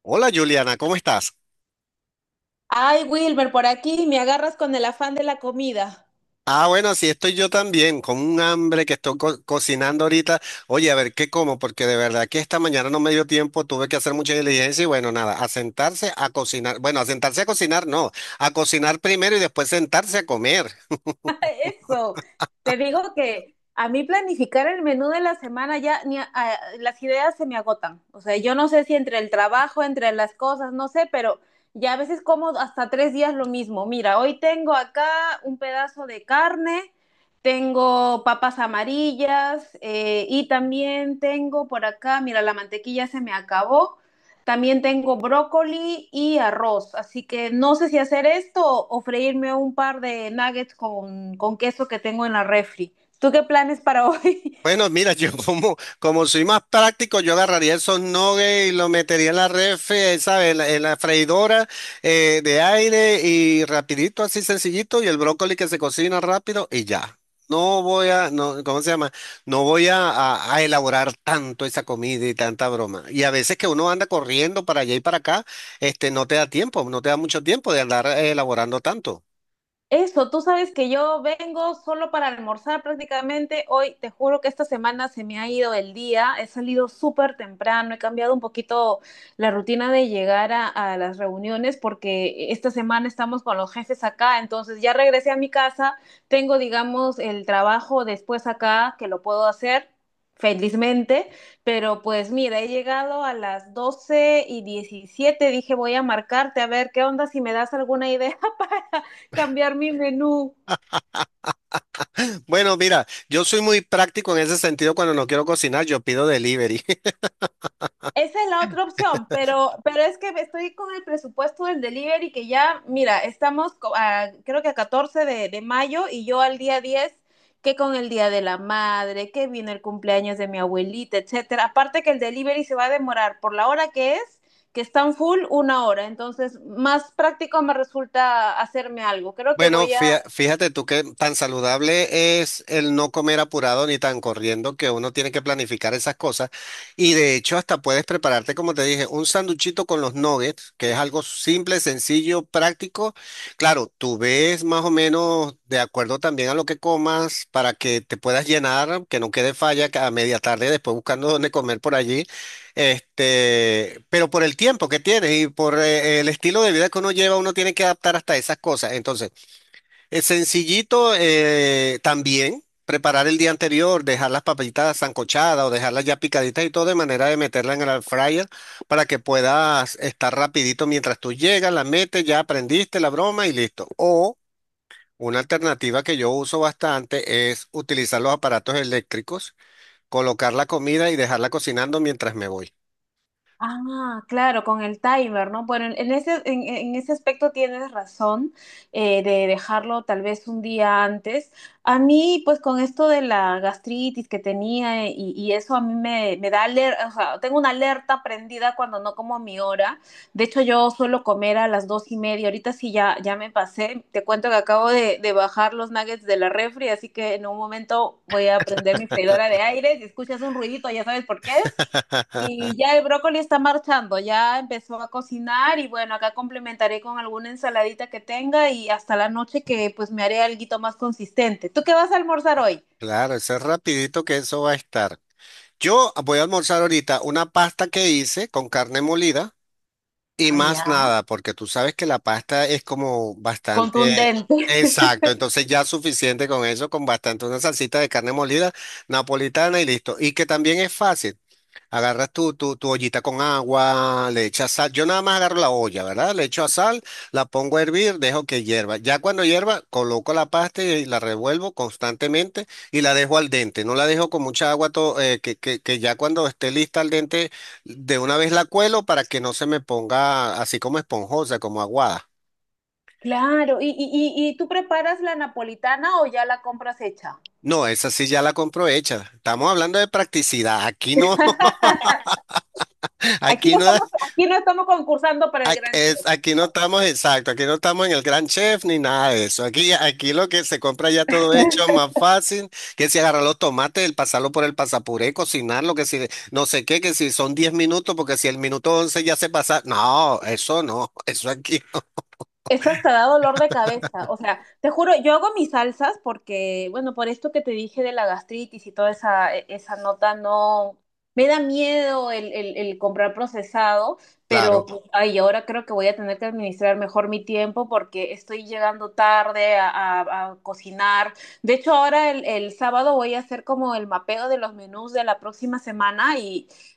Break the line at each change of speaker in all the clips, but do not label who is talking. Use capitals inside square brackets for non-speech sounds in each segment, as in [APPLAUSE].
Hola Juliana, ¿cómo estás?
Ay, Wilmer, por aquí me agarras con el afán de la comida.
Ah, bueno, sí estoy yo también, con un hambre que estoy cocinando ahorita. Oye, a ver, ¿qué como? Porque de verdad que esta mañana no me dio tiempo, tuve que hacer mucha diligencia y bueno, nada, a sentarse a cocinar. Bueno, a sentarse a cocinar, no, a cocinar primero y después sentarse a comer.
[LAUGHS] Eso, te digo que a mí planificar el menú de la semana ya ni las ideas se me agotan. O sea, yo no sé si entre el trabajo, entre las cosas, no sé, pero ya a veces como hasta 3 días lo mismo. Mira, hoy tengo acá un pedazo de carne, tengo papas amarillas y también tengo por acá, mira, la mantequilla se me acabó. También tengo brócoli y arroz, así que no sé si hacer esto o freírme un par de nuggets con queso que tengo en la refri. ¿Tú qué planes para [LAUGHS] hoy?
Bueno, mira, [LAUGHS] yo como, como soy más práctico, yo agarraría esos nuggets y lo metería en la refri, ¿sabes? En la freidora de aire y rapidito, así sencillito, y el brócoli que se cocina rápido y ya. No voy a, no, ¿cómo se llama? No voy a, a elaborar tanto esa comida y tanta broma. Y a veces que uno anda corriendo para allá y para acá, no te da tiempo, no te da mucho tiempo de andar elaborando tanto.
Eso, tú sabes que yo vengo solo para almorzar prácticamente. Hoy te juro que esta semana se me ha ido el día. He salido súper temprano. He cambiado un poquito la rutina de llegar a las reuniones porque esta semana estamos con los jefes acá. Entonces ya regresé a mi casa. Tengo, digamos, el trabajo después acá que lo puedo hacer. Felizmente, pero pues mira, he llegado a las 12:17, dije voy a marcarte a ver qué onda si me das alguna idea [LAUGHS] cambiar mi menú.
Bueno, mira, yo soy muy práctico en ese sentido cuando no quiero cocinar, yo pido delivery. [LAUGHS]
Esa es la otra opción, pero es que estoy con el presupuesto del delivery que ya, mira, estamos a, creo que a 14 de mayo y yo al día 10 que con el Día de la Madre, que viene el cumpleaños de mi abuelita, etcétera. Aparte que el delivery se va a demorar por la hora que es, que están full una hora. Entonces, más práctico me resulta hacerme algo. Creo que
Bueno,
voy a.
fíjate tú que tan saludable es el no comer apurado ni tan corriendo que uno tiene que planificar esas cosas. Y de hecho hasta puedes prepararte, como te dije, un sanduchito con los nuggets, que es algo simple, sencillo, práctico. Claro, tú ves más o menos de acuerdo también a lo que comas para que te puedas llenar, que no quede falla que a media tarde después buscando dónde comer por allí. Pero por el tiempo que tienes y por el estilo de vida que uno lleva, uno tiene que adaptar hasta esas cosas. Entonces, es sencillito también preparar el día anterior, dejar las papitas sancochadas o dejarlas ya picaditas y todo de manera de meterla en el air fryer para que puedas estar rapidito mientras tú llegas, la metes, ya aprendiste la broma y listo. O una alternativa que yo uso bastante es utilizar los aparatos eléctricos, colocar la comida y dejarla cocinando mientras me voy.
Ah, claro, con el timer, ¿no? Bueno, en ese aspecto tienes razón de dejarlo tal vez un día antes. A mí, pues con esto de la gastritis que tenía y eso a mí me da alerta, o sea, tengo una alerta prendida cuando no como a mi hora. De hecho, yo suelo comer a las 2:30. Ahorita sí ya, ya me pasé. Te cuento que acabo de bajar los nuggets de la refri, así que en un momento voy a prender mi freidora de aire. Si escuchas un ruidito, ya sabes por qué es.
[LAUGHS]
Y ya el brócoli está marchando, ya empezó a cocinar y bueno, acá complementaré con alguna ensaladita que tenga y hasta la noche que pues me haré alguito más consistente. ¿Tú qué vas a almorzar hoy?
Claro, eso es rapidito que eso va a estar. Yo voy a almorzar ahorita una pasta que hice con carne molida. Y
Ah,
más
ya.
nada, porque tú sabes que la pasta es como bastante...
Contundente. [LAUGHS]
Exacto, entonces ya suficiente con eso, con bastante una salsita de carne molida napolitana y listo. Y que también es fácil. Agarras tu ollita con agua, le echas sal. Yo nada más agarro la olla, ¿verdad? Le echo a sal, la pongo a hervir, dejo que hierva. Ya cuando hierva, coloco la pasta y la revuelvo constantemente y la dejo al dente. No la dejo con mucha agua, que ya cuando esté lista al dente de una vez la cuelo para que no se me ponga así como esponjosa, como aguada.
Claro. ¿Y tú preparas la napolitana o ya la compras hecha?
No, esa sí ya la compro hecha. Estamos hablando de practicidad. Aquí no,
[LAUGHS]
[LAUGHS] aquí no,
Aquí no estamos concursando para el gran chef.
aquí no estamos, exacto. Aquí no estamos en el gran chef ni nada de eso. Aquí lo que se compra ya todo hecho, más fácil, que si agarrar los tomates, el pasarlo por el pasapuré, cocinarlo, que si no sé qué, que si son 10 minutos, porque si el minuto 11 ya se pasa. No, eso no, [LAUGHS] eso aquí.
Eso hasta da dolor de cabeza. O sea, te juro, yo hago mis salsas porque, bueno, por esto que te dije de la gastritis y toda esa, esa nota, no. Me da miedo el comprar procesado, pero
Claro,
pues, ay, ahora creo que voy a tener que administrar mejor mi tiempo porque estoy llegando tarde a cocinar. De hecho, ahora el sábado voy a hacer como el mapeo de los menús de la próxima semana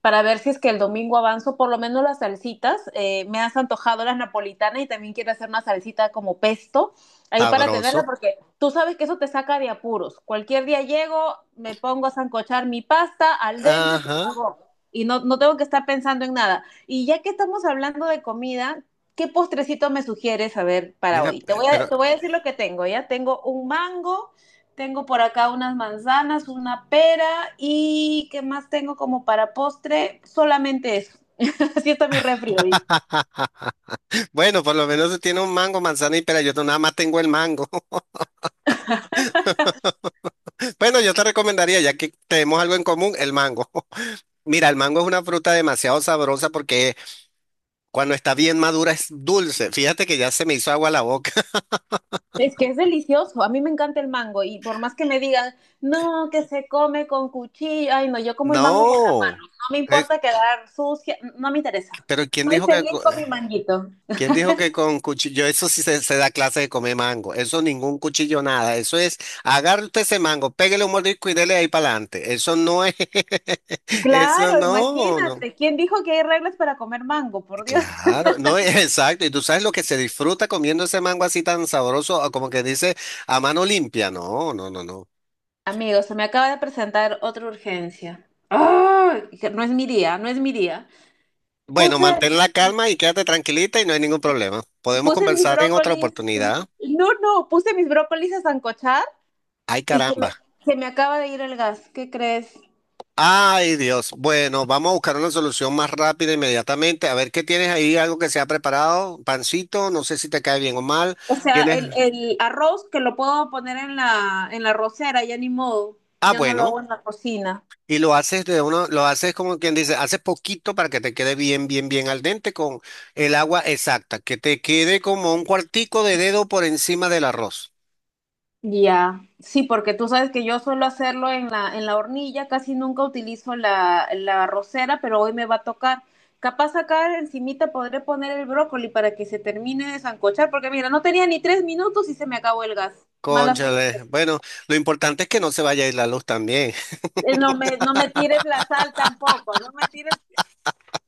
para ver si es que el domingo avanzo, por lo menos las salsitas. Me has antojado las napolitanas y también quiero hacer una salsita como pesto ahí para tenerla,
sabroso.
porque tú sabes que eso te saca de apuros. Cualquier día llego, me pongo a sancochar mi pasta al dente, se
Ajá.
acabó. Y no, no tengo que estar pensando en nada. Y ya que estamos hablando de comida, ¿qué postrecito me sugieres a ver para
Mira,
hoy? Te voy
pero
a, te voy a decir lo que tengo, ¿ya? Tengo un mango, tengo por acá unas manzanas, una pera y ¿qué más tengo como para postre? Solamente eso. [LAUGHS] Así está mi refri hoy.
bueno, por lo menos tiene un mango, manzana y pera. Yo nada más tengo el mango. [LAUGHS] Bueno, yo te recomendaría, ya que tenemos algo en común, el mango. [LAUGHS] Mira, el mango es una fruta demasiado sabrosa porque cuando está bien madura es dulce. Fíjate que ya se me hizo agua la boca. [LAUGHS]
Es que es delicioso, a mí me encanta el mango y por más que me digan, no, que se come con cuchillo, ay no, yo como el mango con la mano,
No.
no me
Es-
importa quedar sucia, no me interesa.
pero ¿quién
Soy
dijo que,
feliz con mi manguito.
quién dijo que con cuchillo? Eso sí se da clase de comer mango. Eso ningún cuchillo, nada. Eso es, agarre usted ese mango, pégale un mordisco y dele ahí para adelante. Eso no es, [LAUGHS] eso
Claro,
no, no.
imagínate, ¿quién dijo que hay reglas para comer mango? Por Dios.
Claro, no, [LAUGHS] exacto. Y tú sabes lo que se disfruta comiendo ese mango así tan sabroso, o como que dice a mano limpia. No, no, no, no.
Amigos, se me acaba de presentar otra urgencia. ¡Ay! Que no es mi día, no es mi día.
Bueno,
puse,
mantén la calma y quédate tranquilita y no hay ningún problema. Podemos
puse mis
conversar en otra
brócolis,
oportunidad.
no, no, puse mis brócolis a sancochar
Ay,
y se me,
caramba.
se me acaba de ir el gas, ¿qué crees?
Ay, Dios. Bueno, vamos a buscar una solución más rápida inmediatamente. A ver qué tienes ahí, algo que se ha preparado. Pancito, no sé si te cae bien o mal.
O sea,
¿Tienes?
el arroz que lo puedo poner en la, arrocera, ya ni modo,
Ah,
ya no lo hago
bueno.
en la cocina.
Y lo haces de uno, lo haces como quien dice, haces poquito para que te quede bien, bien, bien al dente con el agua exacta, que te quede como un cuartico de dedo por encima del arroz.
Ya, sí, porque tú sabes que yo suelo hacerlo en la hornilla, casi nunca utilizo la arrocera, pero hoy me va a tocar. Capaz acá encimita podré poner el brócoli para que se termine de sancochar, porque mira, no tenía ni 3 minutos y se me acabó el gas. Mala
Cónchale,
suerte.
bueno, lo importante es que no se vaya a ir la luz también.
No me tires la sal tampoco,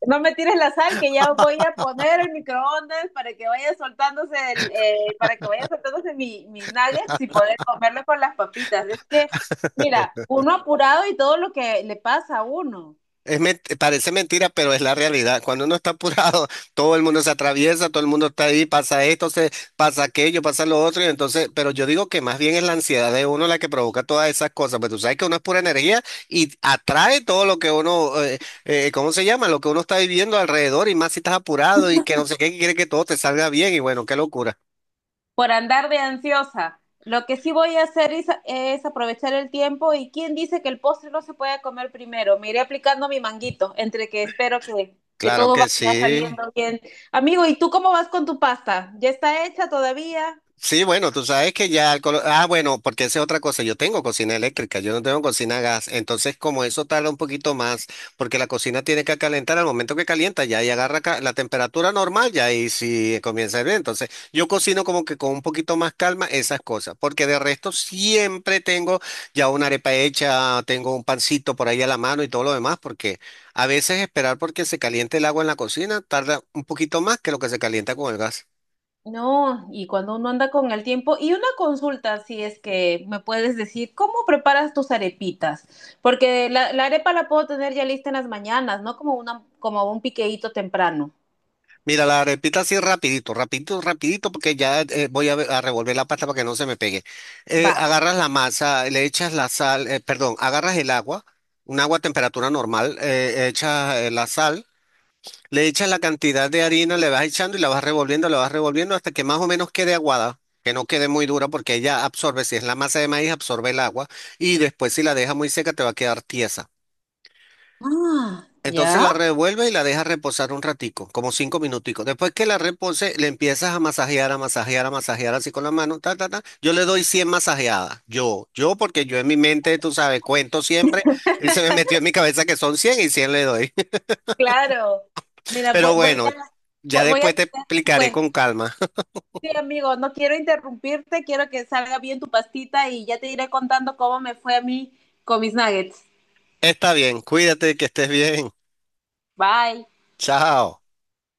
no me tires la sal que ya voy a poner el microondas para que vaya soltándose para que vaya soltándose mis nuggets y poder comerlo con las papitas. Es que, mira, uno apurado y todo lo que le pasa a uno.
Es parece mentira, pero es la realidad. Cuando uno está apurado, [LAUGHS] todo el mundo se atraviesa, todo el mundo está ahí, pasa esto, pasa aquello, pasa lo otro, y entonces, pero yo digo que más bien es la ansiedad de uno la que provoca todas esas cosas, pues tú sabes que uno es pura energía y atrae todo lo que uno, ¿cómo se llama? Lo que uno está viviendo alrededor y más si estás apurado y que no sé qué, que quiere que todo te salga bien y bueno, qué locura.
Por andar de ansiosa. Lo que sí voy a hacer es aprovechar el tiempo y quién dice que el postre no se puede comer primero. Me iré aplicando mi manguito, entre que espero que
Claro
todo
que
vaya
sí.
saliendo bien. Amigo, ¿y tú cómo vas con tu pasta? ¿Ya está hecha todavía?
Sí, bueno, tú sabes que ya el ah, bueno, porque esa es otra cosa. Yo tengo cocina eléctrica, yo no tengo cocina a gas. Entonces, como eso tarda un poquito más, porque la cocina tiene que calentar, al momento que calienta ya ahí agarra la temperatura normal, ya ahí sí comienza a hervir. Entonces, yo cocino como que con un poquito más calma esas cosas, porque de resto siempre tengo ya una arepa hecha, tengo un pancito por ahí a la mano y todo lo demás, porque a veces esperar porque se caliente el agua en la cocina tarda un poquito más que lo que se calienta con el gas.
No, y cuando uno anda con el tiempo, y una consulta, si es que me puedes decir, ¿cómo preparas tus arepitas? Porque la arepa la puedo tener ya lista en las mañanas, ¿no? Como un piqueíto temprano.
Mira, la repito así rapidito, rapidito, rapidito, porque ya voy a revolver la pasta para que no se me pegue.
Va.
Agarras la masa, le echas la sal, perdón, agarras el agua, un agua a temperatura normal, echas la sal, le echas la cantidad de harina, le vas echando y la vas revolviendo hasta que más o menos quede aguada, que no quede muy dura porque ella absorbe, si es la masa de maíz, absorbe el agua y después si la deja muy seca te va a quedar tiesa.
Ah,
Entonces la
ya.
revuelve y la deja reposar un ratico, como 5 minuticos. Después que la repose, le empiezas a masajear, a masajear, a masajear así con la mano, ta, ta, ta. Yo le doy 100 masajeadas. Porque yo en mi mente, tú sabes, cuento siempre y se me metió en mi cabeza que son 100 y 100 le doy.
Claro.
[LAUGHS]
Mira, voy,
Pero
voy
bueno,
a,
ya
voy voy a
después te
tenerlo en
explicaré
cuenta.
con calma.
Sí, amigo, no quiero interrumpirte, quiero que salga bien tu pastita y ya te iré contando cómo me fue a mí con mis nuggets.
[LAUGHS] Está bien, cuídate, que estés bien.
Bye.
Chao.